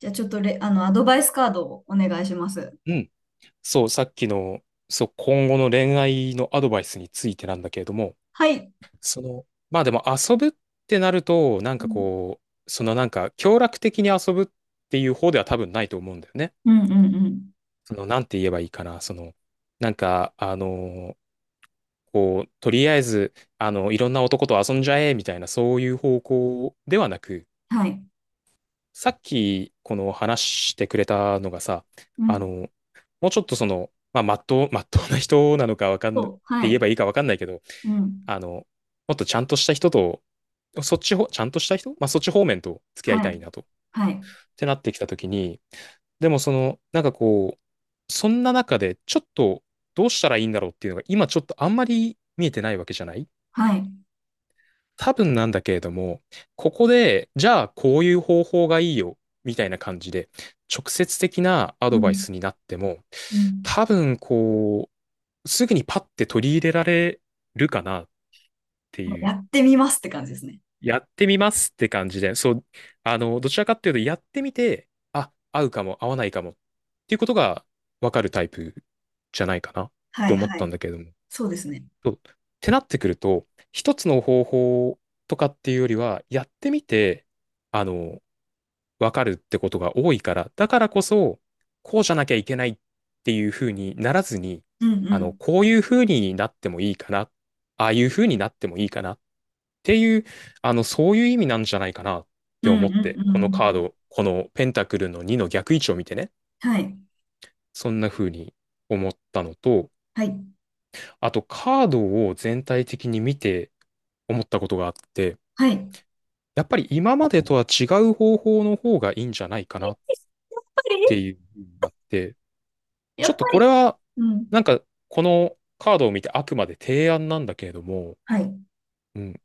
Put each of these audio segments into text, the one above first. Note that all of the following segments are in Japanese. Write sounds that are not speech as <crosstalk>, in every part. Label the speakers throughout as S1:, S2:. S1: じゃあちょっとレ、アドバイスカードをお願いします。
S2: うん。そう、さっきの、そう、今後の恋愛のアドバイスについてなんだけれども、
S1: はい。
S2: その、まあでも遊ぶってなると、なん
S1: う
S2: か
S1: ん、
S2: こう、そのなんか、協力的に遊ぶっていう方では多分ないと思うんだよね。
S1: うん、うんうん。
S2: その、なんて言えばいいかな、その、なんか、こう、とりあえず、いろんな男と遊んじゃえ、みたいな、そういう方向ではなく、
S1: はい。
S2: さっき、この話してくれたのがさ、
S1: う
S2: あの、
S1: ん。
S2: もうちょっとその、まあ、まっとう、<laughs> まっとうな人なのかわかん、っ
S1: そう。は
S2: て言え
S1: い。
S2: ばいいかわかんないけど、
S1: うん。
S2: もっとちゃんとした人と、そっちほ、ちゃんとした人まあ、そっち方面と付き合い
S1: は
S2: た
S1: い。
S2: いなと、っ
S1: はい。
S2: てなってきたときに、でもその、なんかこう、そんな中で、ちょっと、どうしたらいいんだろうっていうのが、今ちょっとあんまり見えてないわけじゃない
S1: はい。
S2: 多分なんだけれども、ここで、じゃあこういう方法がいいよ、みたいな感じで、直接的なア
S1: う
S2: ドバイ
S1: ん。
S2: スになっても、
S1: うん。
S2: 多分こう、すぐにパッて取り入れられるかなってい
S1: や
S2: う、
S1: ってみますって感じですね。
S2: やってみますって感じで、そう、どちらかっていうと、やってみて、あ、合うかも、合わないかもっていうことが分かるタイプじゃないかなっ
S1: は
S2: て
S1: い、
S2: 思っ
S1: は
S2: たん
S1: い。
S2: だけれども。
S1: そうですね。
S2: そうってなってくると、一つの方法とかっていうよりは、やってみて、あの、わかるってことが多いから、だからこそ、こうじゃなきゃいけないっていうふうにならずに、
S1: うん、うん。
S2: こういうふうになってもいいかな、ああいうふうになってもいいかなっていう、そういう意味なんじゃないかなっ
S1: う
S2: て
S1: ん、うん、
S2: 思
S1: う
S2: っ
S1: ん。
S2: て、
S1: う
S2: このカー
S1: ん。
S2: ド、このペンタクルの2の逆位置を見てね、
S1: はい。
S2: そんな風に思ったのと、
S1: はい。
S2: あとカードを全体的に見て、思ったことがあって、
S1: はい。や
S2: やっぱり今までとは違う方法の方がいいんじゃないかなっ
S1: っぱり、
S2: ていうふうになって、
S1: や
S2: ちょっ
S1: っ
S2: と
S1: ぱ
S2: これ
S1: り。
S2: は、
S1: うん。
S2: なんかこのカードを見てあくまで提案なんだけれども、
S1: はい。
S2: うん、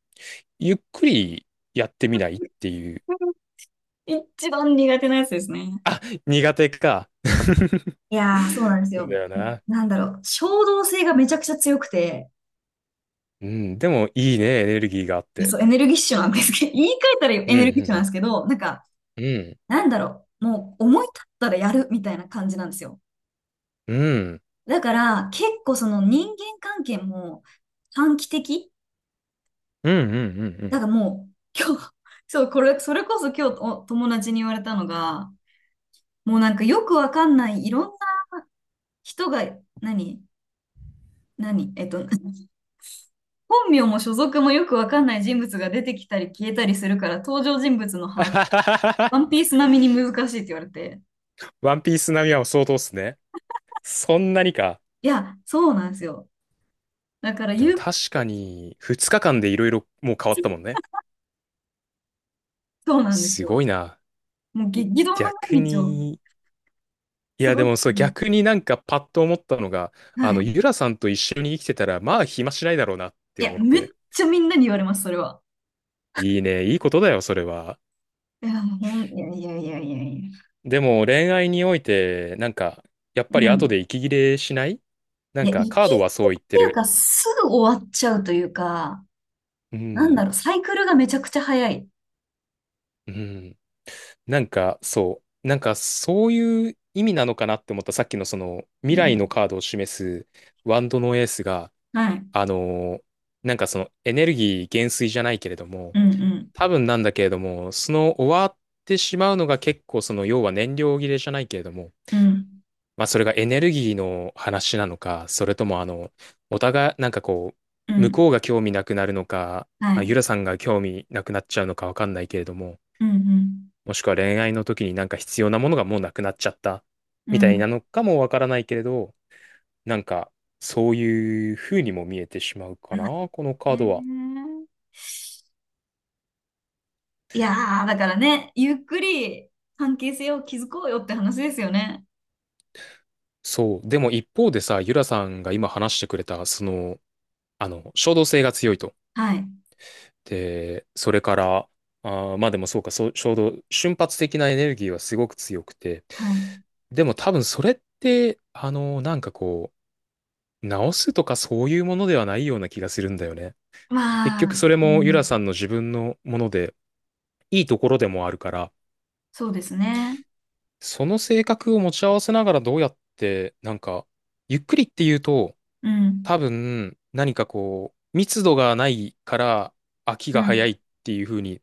S2: ゆっくりやってみないっていう。
S1: 一番苦手なやつですね。
S2: <laughs> 苦手か。
S1: いやー、そうなんです
S2: そう
S1: よ。
S2: だよな。
S1: なんだろう。衝動性がめちゃくちゃ強くて、
S2: うん、でもいいね、エネルギーがあっ
S1: いや、
S2: て。
S1: そう、エネルギッシュなんですけど、<laughs> 言い換えたらエ
S2: う
S1: ネルギッシュなんで
S2: ん、
S1: すけど、なんか、
S2: うん、う
S1: なんだろう、もう思い立ったらやるみたいな感じなんですよ。
S2: ん、うん、
S1: だから、結構その人間関係も短期的
S2: うん、うん、うん、うん。う
S1: だ
S2: ん
S1: からもう、今日、<laughs> そう、これ、それこそ今日お友達に言われたのが、もうなんかよくわかんないいろんな人が、何何えっと、<laughs> 本名も所属もよくわかんない人物が出てきたり消えたりするから、登場人物の把握、ワンピー
S2: <laughs>
S1: ス並みに難しいって言われて。
S2: ワンピース並みは相当っすね。そんなにか。
S1: いや、そうなんですよ。だから、
S2: で
S1: ゆ
S2: も
S1: う、
S2: 確かに、2日間でいろいろもう変わったもんね。
S1: そうなんです
S2: す
S1: よ。
S2: ごいな。
S1: もう激動の毎
S2: 逆
S1: 日を
S2: に、いや
S1: 過
S2: でも
S1: ごし
S2: そう逆
S1: て。
S2: になんかパッと思ったのが、
S1: はい。
S2: ゆらさんと一緒に生きてたら、まあ暇しないだろうなっ
S1: い
S2: て
S1: や、
S2: 思っ
S1: めっ
S2: て。
S1: ちゃみんなに言われます、それは。
S2: いいね、いいことだよ、それは。
S1: いや、ほん、いやいやいやいやいや。
S2: でも恋愛において、なんか、やっぱり
S1: う
S2: 後で
S1: ん。
S2: 息切れしないな
S1: い
S2: ん
S1: や、
S2: か
S1: 息切
S2: カー
S1: れ
S2: ドはそう
S1: っ
S2: 言って
S1: ていう
S2: る。
S1: か、すぐ終わっちゃうというか、
S2: う
S1: なん
S2: ん、
S1: だろう、サイクルがめちゃくちゃ早い。
S2: うん。なんか、そう。なんか、そういう意味なのかなって思った。さっきのその、
S1: う
S2: 未来の
S1: ん。
S2: カードを示すワンドのエースが、
S1: はい。
S2: あのーなんかその、エネルギー減衰じゃないけれども、
S1: うんうん。
S2: 多分なんだけれども、その終わってしまうのが結構その、要は燃料切れじゃないけれども、
S1: うん。
S2: まあそれがエネルギーの話なのか、それともお互い、なんかこ
S1: う
S2: う、向
S1: ん。
S2: こうが興味なくなるのか、
S1: は
S2: まあゆ
S1: い。
S2: らさんが興味なくなっちゃうのかわかんないけれども、
S1: うん
S2: もしくは恋愛の時になんか必要なものがもうなくなっちゃった
S1: う
S2: み
S1: ん。
S2: た
S1: う
S2: い
S1: ん。
S2: なのかもわからないけれど、なんかそういう風にも見えてしまうかな、このカ
S1: う
S2: ー
S1: ん
S2: ドは。
S1: ね。えいやー、だからね、ゆっくり関係性を築こうよって話ですよね。
S2: そう。でも一方でさ、ゆらさんが今話してくれた、その、衝動性が強いと。
S1: はい。
S2: で、それから、あーまあでもそうか、そう、衝動、瞬発的なエネルギーはすごく強くて。
S1: はい。
S2: でも多分それって、なんかこう、直すとかそういうものではないような気がするんだよね。結
S1: ま
S2: 局
S1: あ、
S2: それ
S1: う
S2: もユラ
S1: ん、
S2: さんの自分のもので、いいところでもあるから、
S1: そうですね。
S2: その性格を持ち合わせながらどうやって、なんか、ゆっくりっていうと、
S1: うん。
S2: 多分、何かこう、密度がないから飽き
S1: う
S2: が早
S1: ん。
S2: いっていう風に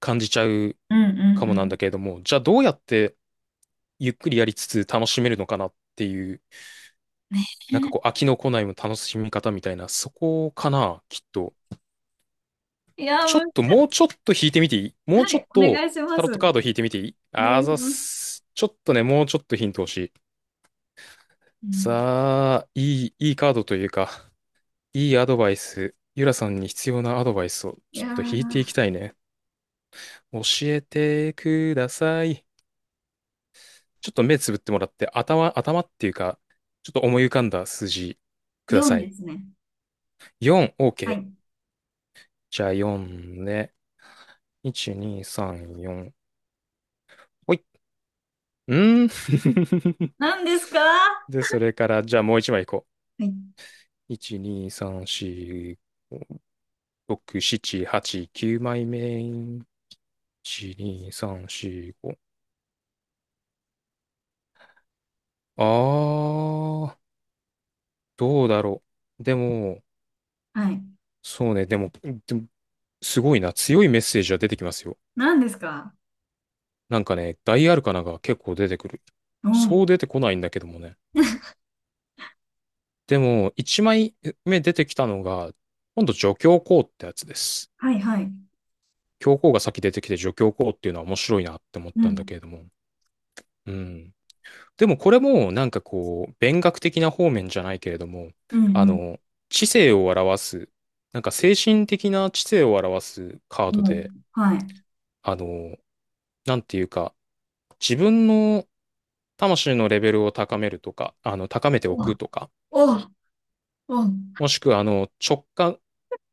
S2: 感じちゃう
S1: うん。う
S2: か
S1: ん。
S2: も
S1: う
S2: なん
S1: ん。
S2: だけれども、じゃあどうやってゆっくりやりつつ楽しめるのかなっていう、なんかこう、飽
S1: <laughs>
S2: きの来ないも楽しみ方みたいな、そこかな、きっと。
S1: いやー、
S2: ちょ
S1: 難
S2: っ
S1: し
S2: と、もうちょっと引いてみていい？
S1: い。
S2: もう
S1: は
S2: ちょ
S1: い。
S2: っ
S1: お
S2: と
S1: 願いしま
S2: タロットカード
S1: す。
S2: 引いてみていい？
S1: お願
S2: あ
S1: いし
S2: ざっ
S1: ます。
S2: す。ちょっとね、もうちょっとヒント欲しい。
S1: うん。
S2: さあ、いい、いいカードというか、いいアドバイス。ゆらさんに必要なアドバイスを
S1: い
S2: ちょ
S1: や
S2: っと引いて
S1: ー、
S2: いきたいね。教えてください。ちょっと目つぶってもらって、頭、頭っていうか、ちょっと思い浮かんだ数字くだ
S1: 4
S2: さ
S1: で
S2: い。
S1: すね。
S2: 4、
S1: は
S2: OK。
S1: い。
S2: じゃあ4ね。1、2、3、4。ほい。うんー。
S1: 何ですか？は
S2: で、それから、じゃあもう一枚いいこ
S1: い。
S2: う。1、2、3、4、6、7、8、9枚目。1、2、3、4、5。あー、どうだろう。でも、
S1: はい。
S2: そうね、でも、でもすごいな。強いメッセージは出てきますよ。
S1: 何ですか？
S2: なんかね、大アルカナが結構出てくる。
S1: お
S2: そ
S1: ー。
S2: う出てこないんだけどもね。でも、1枚目出てきたのが、今度助教皇ってやつです。
S1: はい、はい。
S2: 教皇が先出てきて助教皇っていうのは面白いなって思っ
S1: う
S2: たん
S1: ん。
S2: だけれども。うん。でもこれもなんかこう、勉学的な方面じゃないけれども、
S1: うん、
S2: あ
S1: うん。
S2: の、知性を表す、なんか精神的な知性を表すカード
S1: も
S2: で、
S1: う、はい。
S2: あの、なんていうか、自分の魂のレベルを高めるとか、高めてお
S1: お、
S2: くとか、
S1: お、お、うん、
S2: もしくは直感、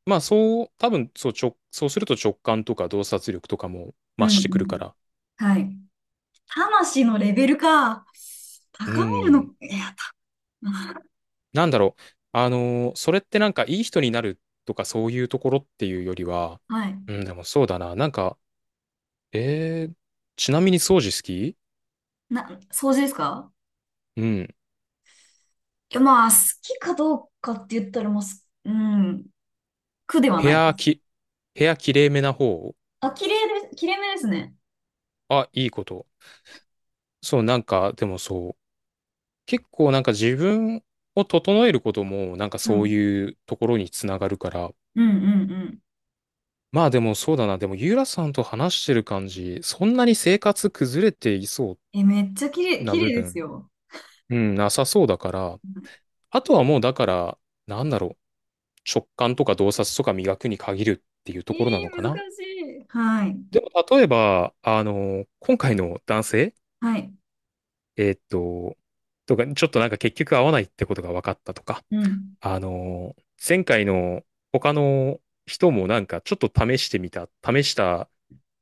S2: まあそう、多分そう直、そうすると直感とか洞察力とかも
S1: う
S2: 増してくるか
S1: ん。
S2: ら、
S1: はい。魂のレベルか。
S2: う
S1: 高める
S2: ん、
S1: の、いや、た、
S2: なんだろう。それってなんかいい人になるとかそういうところっていうよりは、
S1: <laughs> はい。
S2: うん、でもそうだな。なんか、えー、ちなみに掃除好き？
S1: な、掃除ですか？
S2: うん。
S1: いや、まあ、好きかどうかって言ったら、もうすうん、苦では
S2: 部
S1: ないで
S2: 屋
S1: す。
S2: き、部屋きれいめな方？
S1: あ、綺麗で、綺麗めですね。
S2: あ、いいこと。そう、なんか、でもそう。結構なんか自分を整えることもなんか
S1: はい。
S2: そ
S1: う
S2: う
S1: ん
S2: いうところにつながるから。
S1: うんうん。
S2: まあでもそうだな。でもユーラさんと話してる感じ、そんなに生活崩れていそ
S1: え、めっちゃ綺
S2: う
S1: 麗、
S2: な
S1: 綺
S2: 部
S1: 麗です
S2: 分、
S1: よ。
S2: うん、なさそうだから、
S1: は
S2: あとはもうだから、なんだろう、直感とか洞察とか磨くに限るっていうと
S1: い。えー、
S2: ころなのかな。
S1: 難しい。はい。
S2: でも例えば、今回の男性、
S1: はい。
S2: えーっと、とか、ちょっとなんか結局合わないってことが分かったとか、
S1: うん。
S2: あの、前回の他の人もなんかちょっと試してみた、試した、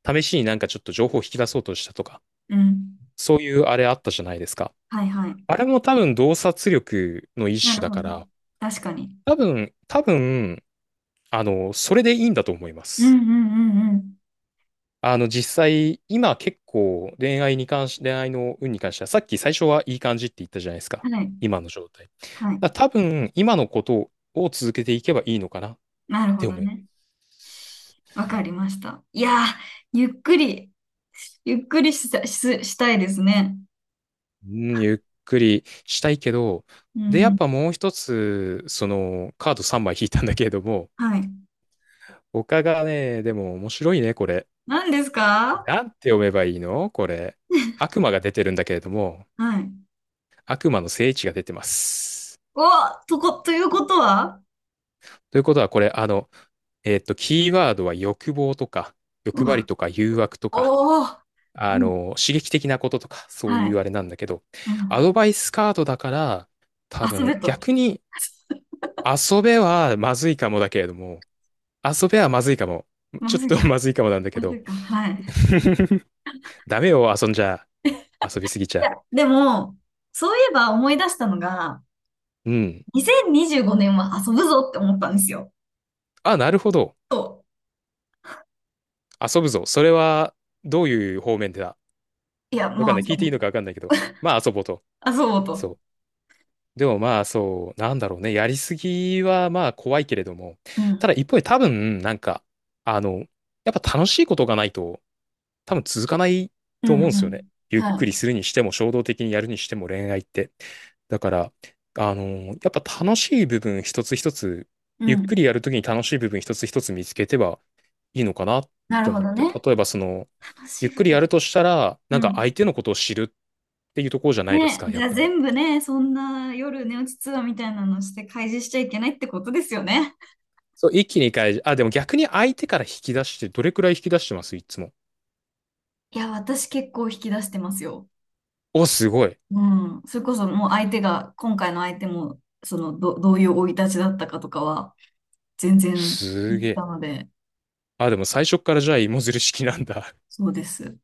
S2: 試しになんかちょっと情報を引き出そうとしたとか、
S1: うん。
S2: そういうあれあったじゃないですか。
S1: はいはい。
S2: あれも多分洞察力の
S1: な
S2: 一種
S1: る
S2: だ
S1: ほ
S2: か
S1: ど。
S2: ら、
S1: 確かに。
S2: 多分、多分、それでいいんだと思いま
S1: うん
S2: す。
S1: うんうんうん。
S2: 実際、今結構恋愛に関し、恋愛の運に関しては、さっき最初はいい感じって言ったじゃないですか。
S1: はい。
S2: 今の状態。だか
S1: はい。
S2: ら多分、今のことを続けていけばいいのかなっ
S1: なるほ
S2: て
S1: ど
S2: 思いま
S1: ね。
S2: す。
S1: わかりました。いやー、ゆっくり、ゆっくりした、し、したいですね。
S2: うん、ゆっくりしたいけど、
S1: う
S2: で、やっ
S1: ん。
S2: ぱもう一つ、その、カード3枚引いたんだけれども、
S1: はい。
S2: 他がね、でも面白いね、これ。
S1: 何ですか？
S2: なんて読めばいいのこれ。悪魔が出てるんだけれども、
S1: はい。
S2: 悪魔の聖地が出てます。
S1: お、とこ、ということは？
S2: ということは、これ、えっと、キーワードは欲望とか、欲張りとか、誘惑とか、
S1: おおー、うん、
S2: 刺激的なこととか、そう
S1: は
S2: いうあ
S1: い。
S2: れなんだけど、
S1: う
S2: ア
S1: ん、
S2: ドバイスカードだから、多
S1: 遊べ
S2: 分、
S1: と。
S2: 逆に、遊べはまずいかもだけれども、遊べはまずいかも。
S1: ま
S2: ちょっ
S1: ずい
S2: と <laughs>
S1: か。
S2: まずいかもなんだけ
S1: まず
S2: ど、
S1: いか。はい。い
S2: <laughs> ダメよ、遊んじゃ、遊びすぎちゃ。
S1: や、でも、そういえば思い出したのが、
S2: うん。
S1: 2025年は遊ぶぞって思ったんですよ。
S2: あ、なるほど。
S1: と。
S2: 遊ぶぞ。それは、どういう方面でだ？
S1: いや、
S2: わ
S1: も
S2: かん
S1: う
S2: ない。
S1: 遊
S2: 聞い
S1: ぼ
S2: てい
S1: う。
S2: いのかわかんないけど。まあ、遊ぼうと。
S1: 遊ぼうと。
S2: そう。でもまあそう、なんだろうね。やりすぎはまあ怖いけれども。
S1: う
S2: た
S1: ん。
S2: だ一方で多分、なんか、あの、やっぱ楽しいことがないと多分続かない
S1: うん
S2: と思うんで
S1: う
S2: すよね。
S1: ん。
S2: ゆっ
S1: は
S2: く
S1: い。
S2: りするにしても衝動的にやるにしても恋愛って。だから、あの、やっぱ楽しい部分一つ一つ、
S1: う
S2: ゆっくり
S1: ん。
S2: やるときに楽しい部分一つ一つ見つけてはいいのかなっ
S1: な
S2: て
S1: るほ
S2: 思っ
S1: ど
S2: て。
S1: ね。
S2: 例えばその、
S1: 楽
S2: ゆ
S1: し
S2: っく
S1: い。
S2: りやるとしたら、な
S1: う
S2: んか
S1: ん。
S2: 相手のことを知るっていうところじゃないです
S1: ね、
S2: か、
S1: じ
S2: やっ
S1: ゃあ
S2: ぱり。
S1: 全部ね、そんな夜寝落ちツアーみたいなのして開示しちゃいけないってことですよね。
S2: そう、一気に返し、あ、でも逆に相手から引き出して、どれくらい引き出してますいつも。
S1: いや、私結構引き出してますよ。
S2: お、すごい。
S1: うん。それこそもう相手が、今回の相手も、そのど、どういう生い立ちだったかとかは、全然
S2: す
S1: 言っ
S2: げ
S1: て
S2: え。
S1: たので、
S2: あ、でも最初っからじゃあ芋づる式なんだ。
S1: そうです。